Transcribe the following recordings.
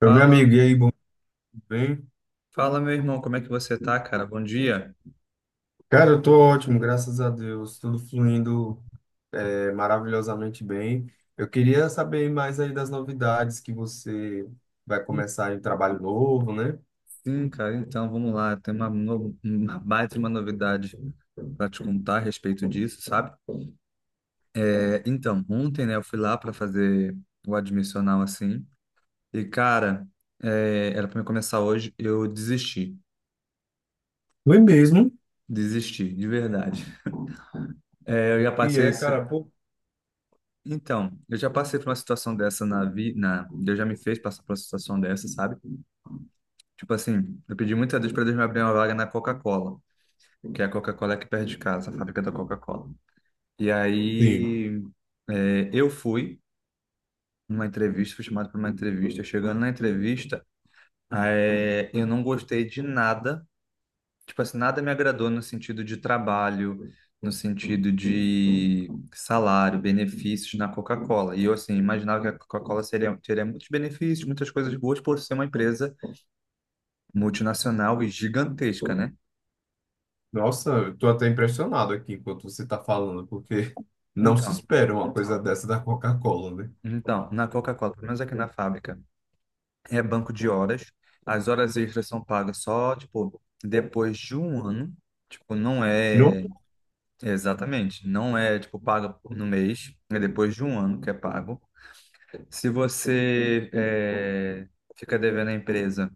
Eu, meu Fala, amigo, e aí, bom, tudo bem? fala meu irmão, como é que você tá, cara? Bom dia. Cara, eu tô ótimo, graças a Deus, tudo fluindo maravilhosamente bem. Eu queria saber mais aí das novidades que você vai começar em trabalho novo, né? Sim, cara, então vamos lá. Tem uma, no- uma baita de uma novidade para te contar a respeito disso, sabe? É, então, ontem, né, eu fui lá para fazer o admissional assim. E, cara, é, era para me começar hoje, eu desisti. Foi mesmo. Desisti, de verdade. É, eu já E passei. é, cara, pô, Então, eu já passei por uma situação dessa na vida. Deus já me fez passar por uma situação dessa, sabe? Tipo assim, eu pedi muito a Deus para Deus me abrir uma vaga na Coca-Cola, que é a Coca-Cola aqui perto de casa, a fábrica da Coca-Cola. E sim. aí é, eu fui numa entrevista, fui chamado para uma entrevista. Chegando na entrevista, é, eu não gostei de nada, tipo assim, nada me agradou no sentido de trabalho, no sentido de salário, benefícios na Coca-Cola. E eu assim imaginava que a Coca-Cola seria, teria muitos benefícios, muitas coisas boas por ser uma empresa multinacional e gigantesca, né? Nossa, eu tô até impressionado aqui enquanto você tá falando, porque não se Então, espera uma coisa dessa da Coca-Cola, né? então, na Coca-Cola, pelo menos aqui na fábrica. É banco de horas. As horas extras são pagas só, tipo, depois de um ano. Tipo, não Não. é exatamente, não é tipo paga no mês, é depois de um ano que é pago. Se você é, fica devendo à empresa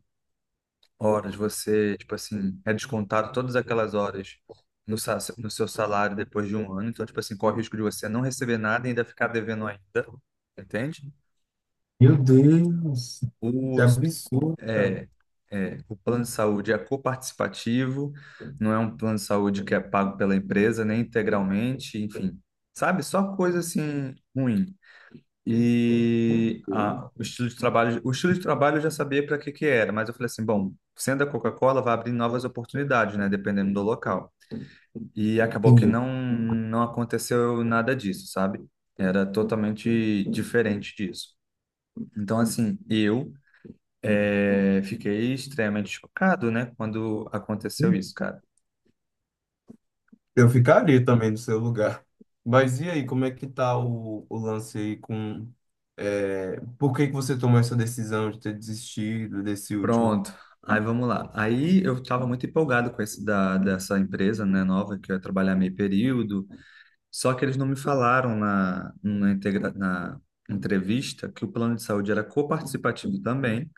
horas, você, tipo assim, é descontado todas aquelas horas no seu salário depois de um ano. Então, tipo assim, corre o risco de você não receber nada e ainda ficar devendo ainda, entende? Meu Deus, que O absurdo, cara. é, é, o plano de saúde é coparticipativo, não é um plano de saúde que é pago pela empresa, nem integralmente, enfim, sabe? Só coisa assim ruim. E o estilo de trabalho, o estilo de trabalho eu já sabia para que que era, mas eu falei assim, bom, sendo a Coca-Cola, vai abrir novas oportunidades, né? Dependendo do local. E acabou que Sim. não, não aconteceu nada disso, sabe? Era totalmente diferente disso. Então, assim, eu é, fiquei extremamente chocado, né, quando aconteceu isso, cara. Eu ficaria também no seu lugar. Mas e aí, como é que tá o lance aí com... por que que você tomou essa decisão de ter desistido desse último? Pronto, aí vamos lá. Aí eu estava muito empolgado com esse da, dessa empresa, né, nova, que eu ia trabalhar meio período, só que eles não me falaram na, na, integra, na entrevista que o plano de saúde era coparticipativo também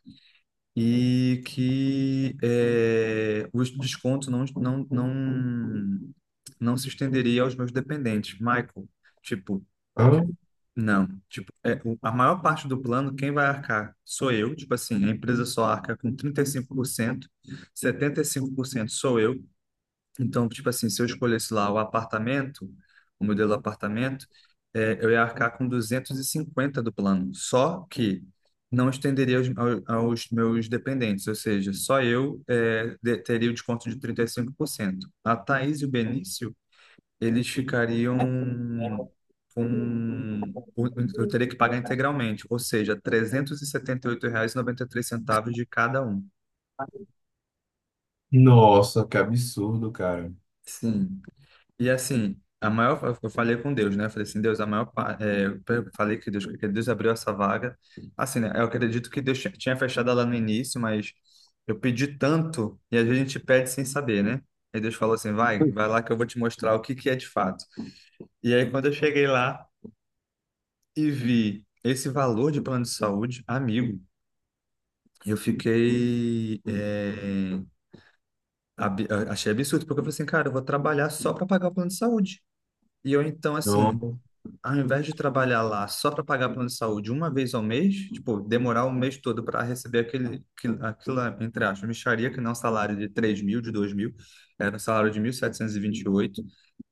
e que é, o desconto não se estenderia aos meus dependentes. Michael, tipo, Hã? não, tipo, é, a maior parte do plano, quem vai arcar sou eu, tipo assim, a empresa só arca com 35%, 75% sou eu. Então, tipo assim, se eu escolhesse lá o apartamento, o modelo apartamento, é, eu ia arcar com 250 do plano. Só que não estenderia aos meus dependentes, ou seja, só eu é, teria o desconto de 35%. A Thaís e o Benício eles ficariam com. Eu teria que pagar integralmente, ou seja, trezentos e setenta oito reais e noventa e três centavos de cada um. Nossa, que absurdo, cara. Sim. E assim, a maior, eu falei com Deus, né? Eu falei assim, Deus, a maior, é, eu falei que Deus abriu essa vaga. Assim, né? Eu acredito que Deus tinha fechado ela no início, mas eu pedi tanto e às vezes a gente pede sem saber, né? Aí Deus falou assim, vai, vai lá que eu vou te mostrar o que que é de fato. E aí quando eu cheguei lá e vi esse valor de plano de saúde, amigo, eu fiquei. É, achei absurdo, porque eu falei assim, cara, eu vou trabalhar só para pagar o plano de saúde. E eu, então, assim, Não, ao invés de trabalhar lá só para pagar plano de saúde uma vez ao mês, tipo, demorar o mês todo para receber aquele, aquilo, aquela, entre aspas, mixaria, que não é um salário de 3 mil, de 2 mil, era um salário de mil setecentos e vinte e oito,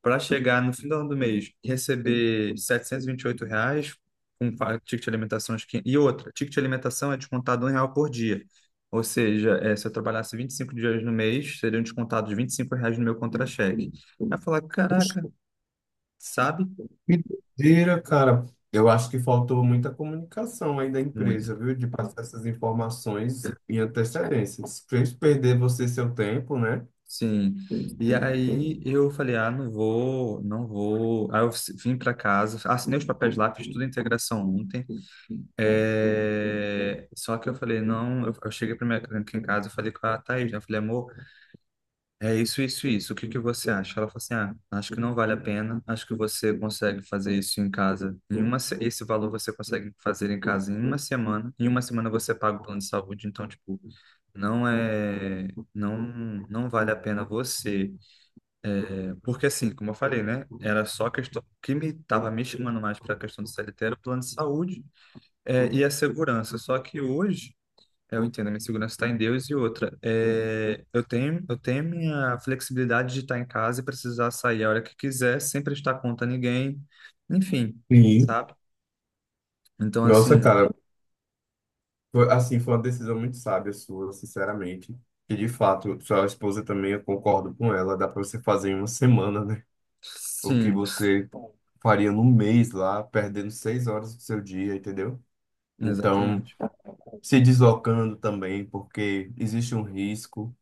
para chegar no final do mês e receber R$ 728 com ticket de alimentação. E outra, ticket de alimentação é descontado R$ 1 por dia. Ou seja, eh, se eu trabalhasse 25 dias no mês, seriam descontados R$ 25 no meu contra-cheque. Vai falar, caraca, sabe? que doideira, cara. Eu acho que faltou muita comunicação aí da Muito. empresa, viu? De passar essas informações em antecedência. Fez perder você seu tempo, né? Sim. E aí eu falei, ah, não vou, não vou. Aí eu vim para casa, assinei os papéis lá, fiz tudo a integração ontem. É, só que eu falei, não, eu cheguei para minha aqui em casa, eu falei com a Thaís, né? Eu falei, amor, é isso, isso, isso. O que que você acha? Ela falou assim, ah, acho que não vale a pena. Acho que você consegue fazer isso em casa. Em uma, se- esse valor você consegue fazer em casa em uma semana. Em uma semana você paga o plano de saúde. Então, tipo, não é, não, não vale a pena você. Porque assim, como eu falei, né? Era só a questão o que me estava me chamando mais para a questão do CLT era o plano de saúde é, e a segurança. Só que hoje é, eu entendo, a minha segurança está em Deus e outra. É, eu tenho minha flexibilidade de estar em casa e precisar sair a hora que quiser, sem prestar conta a ninguém, enfim, Sim. sabe? Então, Nossa, assim, cara, foi, assim, foi uma decisão muito sábia sua, sinceramente. E de fato, sua esposa também, eu concordo com ela, dá para você fazer em uma semana, né? O que sim, você faria num mês lá, perdendo 6 horas do seu dia, entendeu? Então, exatamente. se deslocando também, porque existe um risco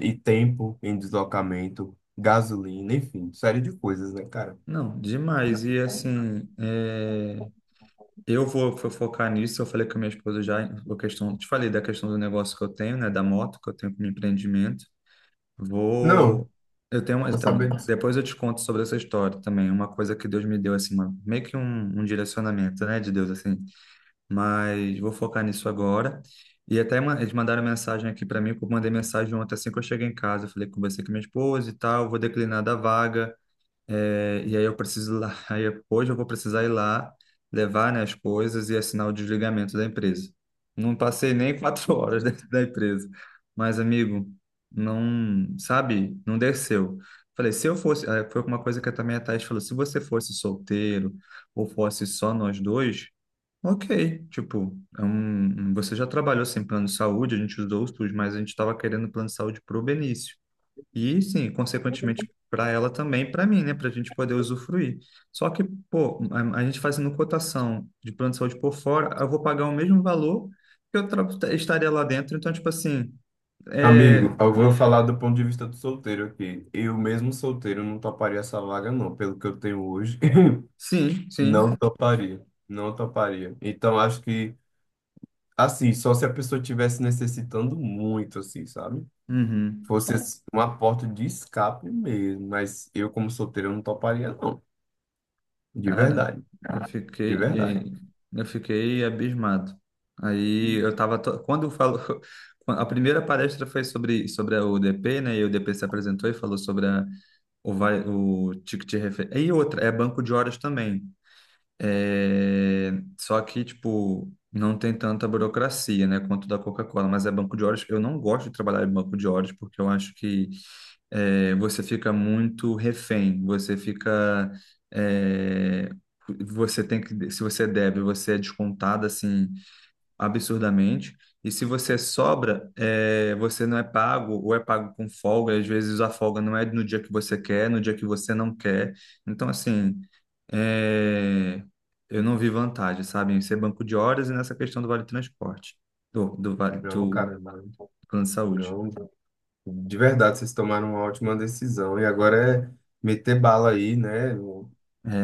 e tempo em deslocamento, gasolina, enfim, série de coisas, né, cara? Não, demais. E assim, é, eu vou focar nisso. Eu falei com a minha esposa já, a questão, te falei da questão do negócio que eu tenho, né, da moto que eu tenho como empreendimento. Vou, Não, eu tenho, vou então, saber. depois eu te conto sobre essa história também. Uma coisa que Deus me deu assim, uma, meio que um direcionamento, né, de Deus assim. Mas vou focar nisso agora. E até eles mandaram mensagem aqui para mim, que eu mandei mensagem ontem assim que eu cheguei em casa. Eu falei, conversei com minha esposa e tal, vou declinar da vaga. É, e aí eu preciso ir lá, hoje eu vou precisar ir lá levar, né, as coisas e assinar o desligamento da empresa. Não passei nem 4 horas dentro da empresa, mas amigo, não, sabe, não desceu. Falei, se eu fosse, aí foi uma coisa que também a Thaís falou, se você fosse solteiro ou fosse só nós dois, ok, tipo, é um, você já trabalhou sem plano de saúde, a gente usou os SUS, mas a gente estava querendo plano de saúde pro Benício. E sim, consequentemente para ela também, para mim, né, para a gente poder usufruir. Só que, pô, a gente fazendo cotação de plano de saúde por fora, eu vou pagar o mesmo valor que eu estaria lá dentro. Então, tipo assim, Amigo, é, eu vou falar do ponto de vista do solteiro aqui. Eu mesmo solteiro não toparia essa vaga, não. Pelo que eu tenho hoje, sim, não sim. toparia. Não toparia. Então, acho que, assim, só se a pessoa estivesse necessitando muito, assim, sabe? Uhum. Fosse assim, uma porta de escape mesmo. Mas eu, como solteiro, não toparia, não. De Cara, verdade. eu De fiquei, verdade. é, eu fiquei abismado. Aí eu tava, quando eu falo, a primeira palestra foi sobre a UDP, né? E o UDP se apresentou e falou sobre a O, vai, o ticket referência. E outra, é banco de horas também. É, só que, tipo, não tem tanta burocracia, né, quanto da Coca-Cola, mas é banco de horas. Eu não gosto de trabalhar em banco de horas porque eu acho que é, você fica muito refém, você fica. É, você tem que, se você deve, você é descontado assim absurdamente. E se você sobra, é, você não é pago, ou é pago com folga, e às vezes a folga não é no dia que você quer, no dia que você não quer. Então, assim, é, eu não vi vantagem, sabe, em ser banco de horas e nessa questão do vale transporte, do vale Não, do cara, plano de saúde. não. De verdade, vocês tomaram uma ótima decisão. E agora é meter bala aí, né? No,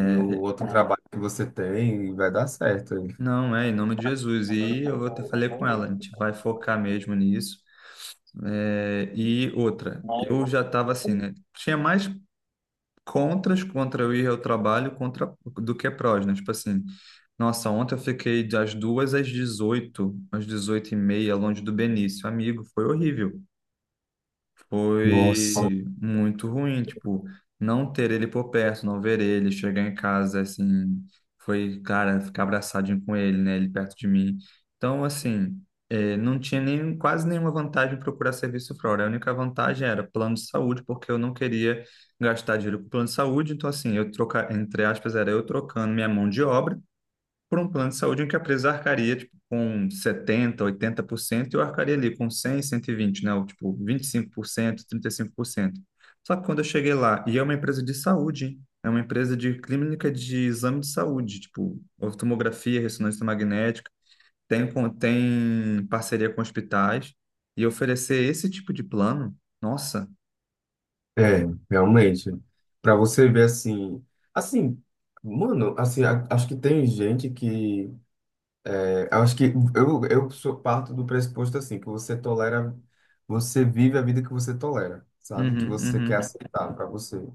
no outro trabalho que você tem, e vai dar certo aí. não, é em nome de Jesus. E eu até falei com ela, a gente vai focar mesmo nisso. É, e outra, eu já estava assim, né? Tinha mais contras contra o ir ao trabalho contra do que é prós, né? Tipo assim, nossa, ontem eu fiquei das 2 às 18, às 18h30, longe do Benício. Amigo, foi horrível, Nossa, foi muito ruim, tipo, não ter ele por perto, não ver ele, chegar em casa, assim, foi, cara, ficar abraçadinho com ele, né, ele perto de mim. Então, assim, eh, não tinha nem, quase nenhuma vantagem em procurar serviço fora. A única vantagem era plano de saúde, porque eu não queria gastar dinheiro com plano de saúde, então, assim, eu trocar, entre aspas, era eu trocando minha mão de obra por um plano de saúde em que a empresa arcaria tipo, com 70, 80% e eu arcaria ali com 100, 120, né? Ou, tipo, vinte e cinco por cento, trinta e cinco por cento. Só que quando eu cheguei lá, e é uma empresa de saúde, hein? É uma empresa de clínica de exame de saúde, tipo, tomografia, ressonância magnética, tem, tem parceria com hospitais, e oferecer esse tipo de plano, nossa, é, realmente. Pra você ver assim, assim, mano, assim, acho que tem gente que... Eu acho que eu sou parto do pressuposto assim, que você tolera, você vive a vida que você tolera, sabe? Que uhum, você quer uhum. aceitar para você.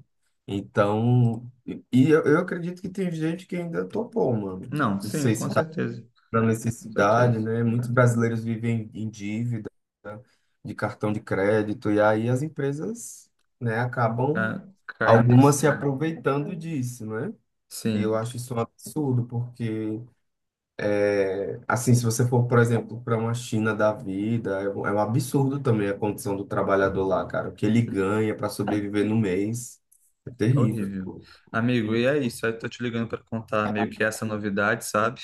Então, e eu acredito que tem gente que ainda topou, mano. Não, Não sim, sei com se tá certeza, pra com necessidade, certeza. né? Muitos brasileiros vivem em dívida, né, de cartão de crédito, e aí as empresas, né, acabam Tá caindo em algumas se cima. aproveitando disso, né? E eu Sim. acho isso um absurdo, porque... Assim, se você for, por exemplo, para uma China da vida, é um absurdo também a condição do trabalhador lá, cara. O que ele ganha para sobreviver no mês é É terrível. horrível. Amigo, e é isso. Eu tô te ligando para contar meio que essa novidade, sabe?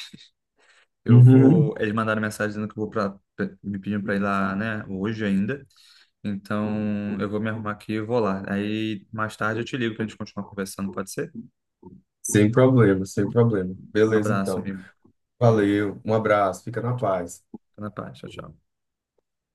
Eu Uhum. vou. Eles mandaram mensagem dizendo que eu vou pra. Me pedindo para ir lá, né? Hoje ainda. Então, eu vou me arrumar aqui e vou lá. Aí, mais tarde eu te ligo pra gente continuar conversando, pode ser? Um Sem problema, sem problema. Beleza, abraço, então. amigo. Valeu, um abraço, fica na Fica paz. na paz. Tchau, tchau.